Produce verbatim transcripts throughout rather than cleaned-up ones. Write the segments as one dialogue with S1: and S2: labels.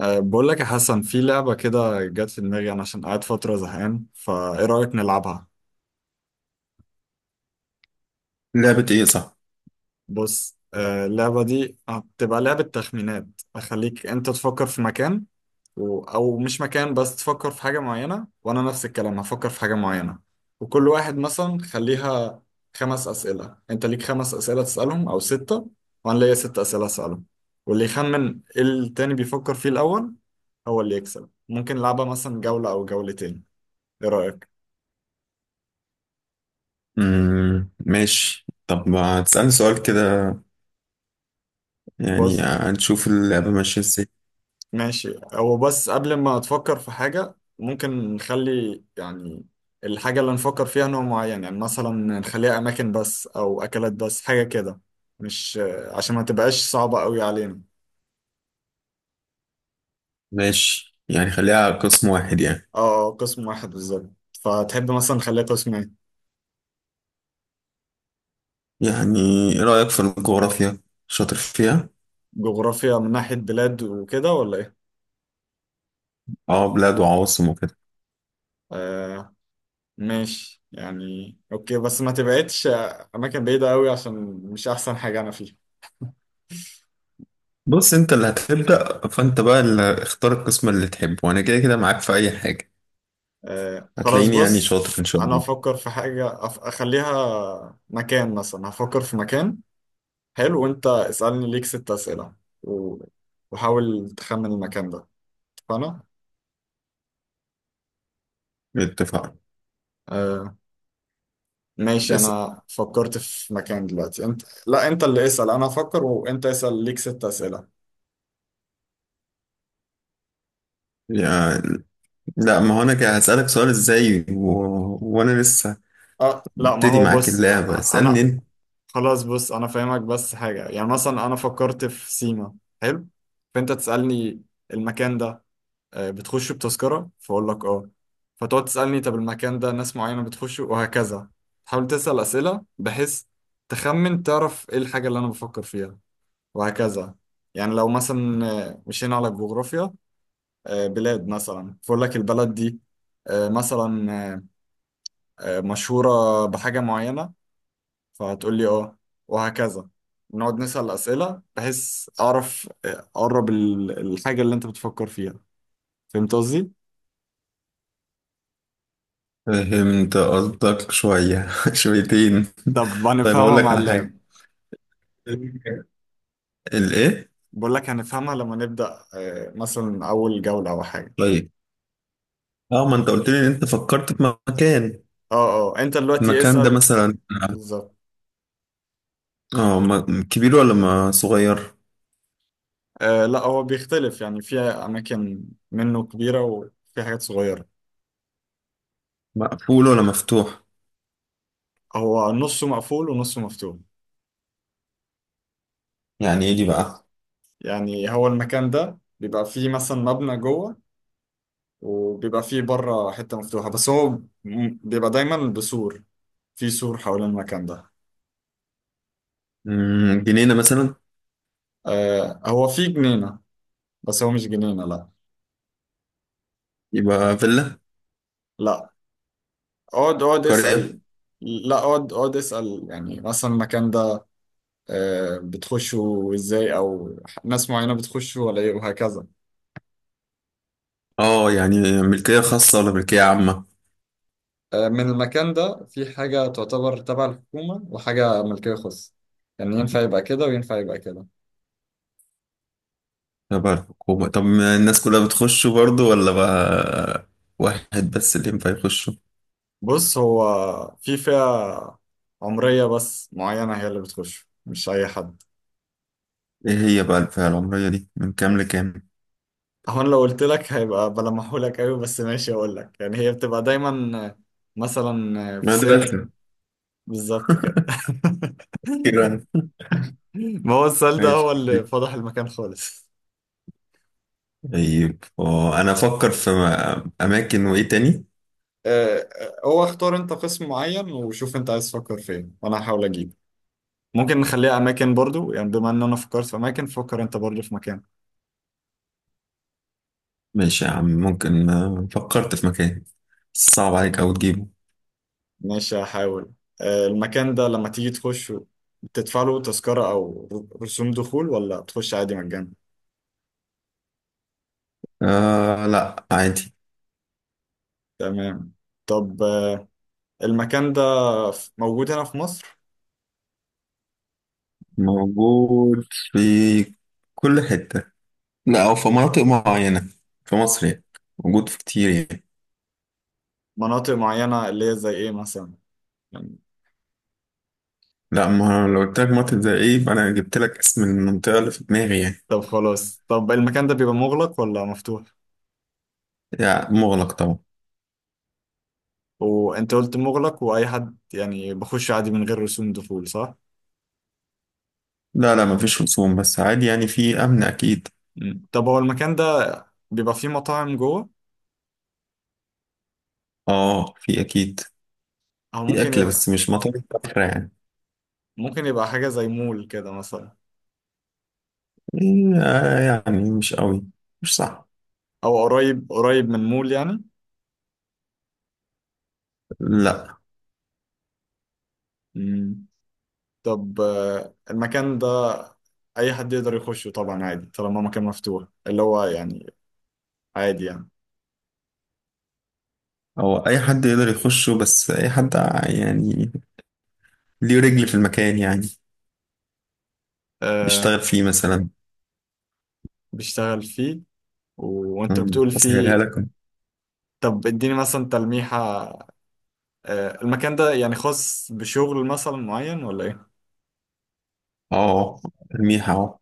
S1: أه بقول لك يا حسن، في لعبة كده جت في دماغي أنا عشان قاعد فترة زهقان، فإيه رأيك نلعبها؟
S2: لعبة ايه، صح؟
S1: بص، أه اللعبة دي هتبقى لعبة تخمينات. أخليك أنت تفكر في مكان و... أو مش مكان، بس تفكر في حاجة معينة، وأنا نفس الكلام هفكر في حاجة معينة. وكل واحد مثلا خليها خمس أسئلة، أنت ليك خمس أسئلة تسألهم أو ستة، وأنا ليا ست أسئلة أسألهم. واللي يخمن إيه التاني بيفكر فيه الأول هو اللي يكسب. ممكن نلعبها مثلا جولة أو جولتين. إيه رأيك؟
S2: مم. ماشي، طب ما تسألني سؤال كده. يعني
S1: بص
S2: هنشوف اللعبة ماشية ازاي.
S1: ماشي، هو بس قبل ما تفكر في حاجة ممكن نخلي يعني الحاجة اللي نفكر فيها نوع معين. يعني مثلا نخليها أماكن بس أو أكلات بس، حاجة كده، مش عشان ما تبقاش صعبة قوي علينا.
S2: ماشي يعني خليها على قسم واحد يعني.
S1: اه، آه، قسم واحد بالظبط. فتحب مثلا نخليها قسم ايه؟
S2: يعني ايه رأيك في الجغرافيا؟ شاطر فيها؟
S1: جغرافيا من ناحية بلاد وكده ولا ايه؟
S2: اه، بلاد وعواصم وكده.
S1: آه، ماشي يعني اوكي، بس ما تبعدش أماكن بعيدة قوي، عشان مش أحسن حاجة أنا فيها.
S2: بص، انت اللي هتبدأ، فانت بقى اللي اختار القسم اللي تحبه، وانا كده كده معاك في اي حاجة.
S1: آه خلاص،
S2: هتلاقيني يعني
S1: بص،
S2: شاطر ان شاء
S1: انا
S2: الله.
S1: افكر في حاجة أف- اخليها مكان، مثلا هفكر في مكان. حلو، وانت اسألني، ليك ست اسئلة، و- وحاول تخمن المكان ده. اتفقنا؟
S2: اتفقنا.
S1: آه ماشي،
S2: بس
S1: انا فكرت في مكان دلوقتي. انت لا، انت اللي اسأل، انا افكر وانت اسأل، ليك ست اسئلة.
S2: يعني، لا، ما هو انا كده هسألك سؤال ازاي و... وانا لسه
S1: اه لا، ما
S2: ببتدي
S1: هو
S2: معاك
S1: بص، أ-
S2: اللعبة،
S1: أ-
S2: اسألني
S1: انا،
S2: انت.
S1: خلاص بص، انا فاهمك، بس حاجة يعني. مثلا انا فكرت في سيما. حلو، فانت تسألني المكان ده، آه، بتخش بتذكرة، فأقول لك اه. فتقعد تسألني طب المكان ده ناس معينة بتخش، وهكذا. تحاول تسأل أسئلة بحيث تخمن، تعرف ايه الحاجة اللي أنا بفكر فيها، وهكذا. يعني لو مثلا آه، مشينا على الجغرافيا، آه، بلاد مثلا، فأقول لك البلد دي، آه، مثلا آه، آه، مشهورة بحاجة معينة، فهتقول لي اه، وهكذا. نقعد نسأل أسئلة بحيث أعرف آه، أقرب ال- الحاجة اللي أنت بتفكر فيها. فهمت قصدي؟
S2: فهمت قصدك شوية شويتين.
S1: طب
S2: طيب هقول
S1: هنفهمها
S2: لك
S1: مع
S2: على
S1: اللاب.
S2: حاجة، الايه.
S1: بقول لك هنفهمها لما نبدأ، آه، مثلا أول جولة أو حاجة.
S2: طيب، اه ما انت قلت لي ان انت فكرت في مكان.
S1: اه اه، أنت دلوقتي
S2: المكان ده
S1: اسأل.
S2: مثلا،
S1: بالظبط.
S2: اه م- كبير ولا ما صغير؟
S1: آه لا، هو بيختلف، يعني في أماكن منه كبيرة وفي حاجات صغيرة.
S2: مقفول ولا مفتوح؟
S1: هو نصه مقفول ونصه مفتوح.
S2: يعني ايه دي بقى.
S1: يعني هو المكان ده بيبقى فيه مثلا مبنى جوه، وبيبقى فيه بره حتة مفتوحة، بس هو م- بيبقى دايما بسور، في سور حوالين المكان ده.
S2: مم، جنينة مثلا؟
S1: آه هو فيه جنينة، بس هو مش جنينة، لا.
S2: يبقى فيلا؟
S1: لا اقعد اقعد
S2: قرية؟
S1: اسأل. لا اقعد اقعد اسأل، يعني مثلا المكان ده آه، بتخشوا ازاي، او ناس معينة بتخشوا ولا ايه، وهكذا.
S2: اه يعني ملكية خاصة ولا ملكية عامة؟
S1: آه، من المكان ده في حاجة تعتبر تبع الحكومة، وحاجة ملكية خاصة. يعني ينفع يبقى كده وينفع يبقى كده.
S2: تبع الحكومة، طب ما الناس كلها بتخش برضه ولا بقى واحد بس اللي ينفع يخش؟
S1: بص، هو في فئة عمرية بس معينة هي اللي بتخش، مش أي حد.
S2: ايه هي بقى الفئة العمرية دي من كام لكام؟
S1: هو أنا لو قلت لك هيبقى بلمحولك أوي، بس ماشي أقول لك، يعني هي بتبقى دايما مثلا في سن.
S2: مدرسة؟
S1: بالظبط كده
S2: كده.
S1: ما هو السؤال ده
S2: ماشي.
S1: هو اللي فضح المكان خالص.
S2: طيب، آه، انا افكر في اماكن وايه تاني.
S1: آه، آه، هو اختار انت قسم معين، وشوف انت عايز تفكر فين، وانا هحاول اجيب. ممكن نخليها اماكن برضو، يعني بما ان انا فكرت في اماكن، فكر انت برضو في مكان.
S2: ماشي يا عم. ممكن آه، فكرت في مكان صعب عليك او تجيبه.
S1: ماشي هحاول. آه، المكان ده لما تيجي تخش، تدفع له تذكرة او ر- رسوم دخول، ولا تخش عادي مجانا؟
S2: آه لا، عادي.
S1: تمام. طب آه، المكان ده ف- موجود هنا في مصر؟
S2: موجود في كل حتة، لا او في مناطق معينة في مصر يعني. موجود في كتير يعني.
S1: مناطق معينة اللي هي زي ايه مثلا يعني؟
S2: لا، ما لو قلت لك مناطق زي ايه يبقى انا جبت لك اسم المنطقة اللي في دماغي يعني.
S1: طب خلاص، طب المكان ده بيبقى مغلق ولا مفتوح؟
S2: يعني مغلق طبعا.
S1: وانت قلت مغلق، واي حد يعني بخش عادي من غير رسوم دخول، صح؟
S2: لا لا، مفيش رسوم بس، عادي يعني، في أمن أكيد.
S1: مم. طب هو المكان ده بيبقى فيه مطاعم جوه،
S2: آه، في أكيد.
S1: او
S2: في
S1: ممكن
S2: أكل
S1: يبقى،
S2: بس مش مطاعم كفر يعني.
S1: ممكن يبقى حاجة زي مول كده مثلا،
S2: إيه، آه، يعني مش قوي، مش صح.
S1: او قريب قريب من مول يعني؟
S2: لا،
S1: مم. طب آه، المكان ده اي حد يقدر يخشه طبعا عادي، طالما مكان مفتوح اللي هو يعني عادي يعني.
S2: هو أي حد يقدر يخشه، بس أي حد يعني ليه رجل في المكان يعني
S1: آه
S2: بيشتغل فيه مثلا.
S1: بيشتغل فيه و... وانت
S2: أمم،
S1: بتقول
S2: أسهلها
S1: فيه.
S2: لكم.
S1: طب اديني مثلا تلميحة، آه، المكان ده يعني خاص بشغل مثلا معين ولا ايه؟
S2: آه، الميحة أهو.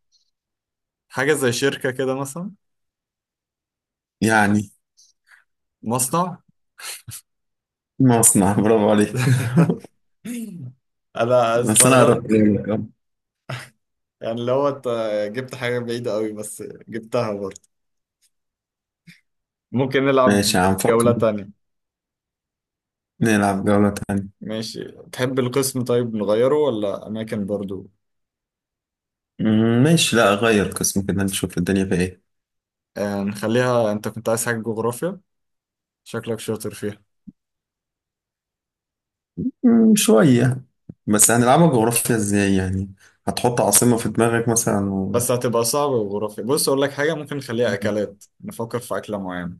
S1: حاجة زي شركة كده مثلا؟
S2: يعني
S1: مصنع.
S2: مصنع؟ برافو عليك.
S1: انا
S2: بس أنا
S1: استغربت.
S2: قربت منك أهو.
S1: يعني لو انت جبت حاجة بعيدة قوي، بس جبتها برضه. ممكن
S2: ماشي
S1: نلعب
S2: هنفكر
S1: جولة تانية.
S2: نلعب جولة تانية.
S1: ماشي، تحب القسم طيب نغيره ولا اماكن برضه؟
S2: أمم، ماشي، لا أغير قسم كده نشوف الدنيا فيها إيه.
S1: آه، نخليها، انت كنت عايز حاجة جغرافيا، شكلك شاطر فيها.
S2: مم، شوية. بس هنلعبها جغرافيا ازاي يعني؟ هتحط عاصمة في دماغك مثلا و.
S1: بس هتبقى صعبة جغرافيا. بص اقول لك حاجة، ممكن نخليها اكلات، نفكر في اكلة معينة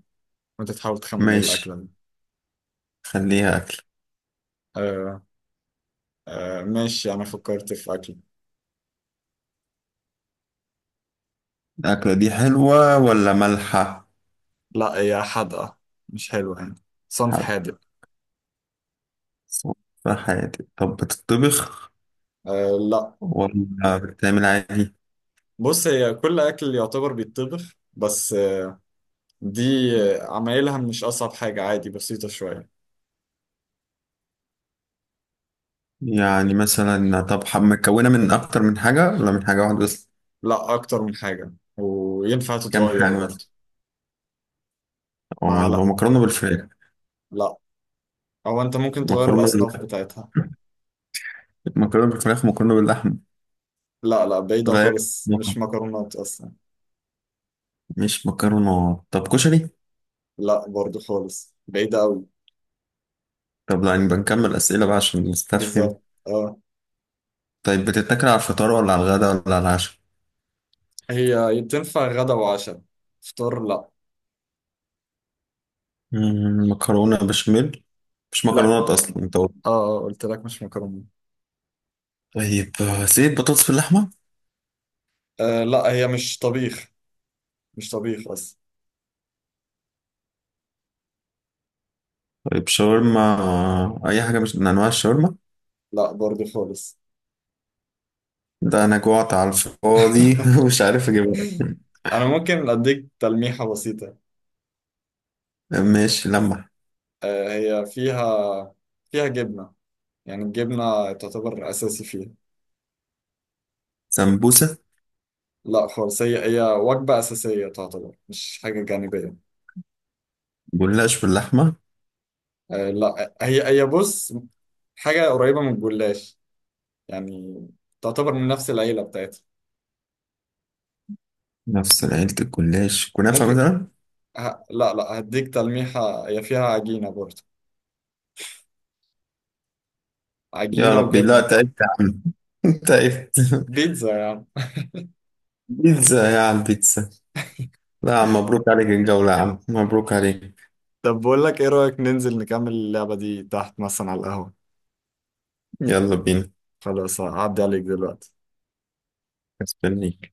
S1: وانت تحاول تخمن ايه
S2: ماشي،
S1: الاكلة دي.
S2: خليها أكل.
S1: آه، آه ماشي، أنا فكرت في أكل.
S2: الأكلة دي حلوة ولا مالحة؟
S1: لا، هي حادقة، مش حلوة يعني، صنف
S2: حلوة
S1: حادق.
S2: في حياتي. طب بتطبخ
S1: آه لا،
S2: ولا بتعمل عادي؟
S1: بص، هي كل أكل يعتبر بيتطبخ، بس آه، دي آه، عمايلها مش أصعب حاجة، عادي، بسيطة شوية.
S2: يعني مثلا، طب ح- مكونة من أكتر من حاجة ولا من حاجة واحدة بس؟
S1: لا، أكتر من حاجة وينفع
S2: كام
S1: تتغير
S2: حاجة مثلا؟
S1: برضه.
S2: اه،
S1: مع
S2: يبقى
S1: لا.
S2: مكرونة بالفراخ.
S1: لا، أو أنت ممكن تغير
S2: مكرونة
S1: الأصناف
S2: بال...
S1: بتاعتها.
S2: مكرونة بالفراخ، مكرونة باللحم.
S1: لا لا، بعيدة
S2: تغير.
S1: خالص، مش مكرونات أصلا.
S2: مش مكرونة، طب كشري؟
S1: لا، برضه خالص بعيدة أوي.
S2: طب لا، يعني بنكمل أسئلة بقى عشان نستفهم.
S1: بالظبط اه.
S2: طيب بتتاكل على الفطار ولا على الغداء ولا على العشاء؟
S1: هي تنفع غدا وعشاء، فطار لا.
S2: مم، مكرونة بشاميل. مش
S1: لا،
S2: مكرونات أصلا أنت قلت.
S1: اه اه، قلت لك مش مكرونه.
S2: طيب، آه، زيت بطاطس باللحمة.
S1: آه لا، هي مش طبيخ، مش طبيخ اصلا.
S2: طيب شاورما، آه، أي حاجة مش من أنواع الشاورما.
S1: لا، برضه خالص.
S2: ده أنا جوعت على الفاضي ومش عارف أجيبها.
S1: انا ممكن اديك تلميحة بسيطة.
S2: ماشي، لمح.
S1: آه، هي فيها، فيها جبنة، يعني الجبنة تعتبر اساسي فيها.
S2: سمبوسة.
S1: لا خالص، هي هي وجبة اساسية تعتبر، مش حاجة جانبية.
S2: جلاش باللحمة.
S1: آه لا، هي هي بص، حاجة قريبة من الجلاش، يعني تعتبر من نفس العيلة بتاعتها.
S2: نفس عيلة الجلاش، كنافة
S1: ممكن
S2: مثلا.
S1: ه... لا لا، هديك تلميحة، هي فيها عجينة برضه،
S2: يا
S1: عجينة
S2: ربي، لا
S1: وجبنة.
S2: تعبت يا عم تعبت.
S1: بيتزا يا عم.
S2: بيتزا؟ يا على البيتزا. لا يا عم، مبروك عليك الجولة، يا عم مبروك عليك.
S1: طب بقول لك ايه رأيك ننزل نكمل اللعبة دي تحت مثلا على القهوة؟
S2: يلا بينا.
S1: خلاص هعدي عليك دلوقتي.
S2: استني.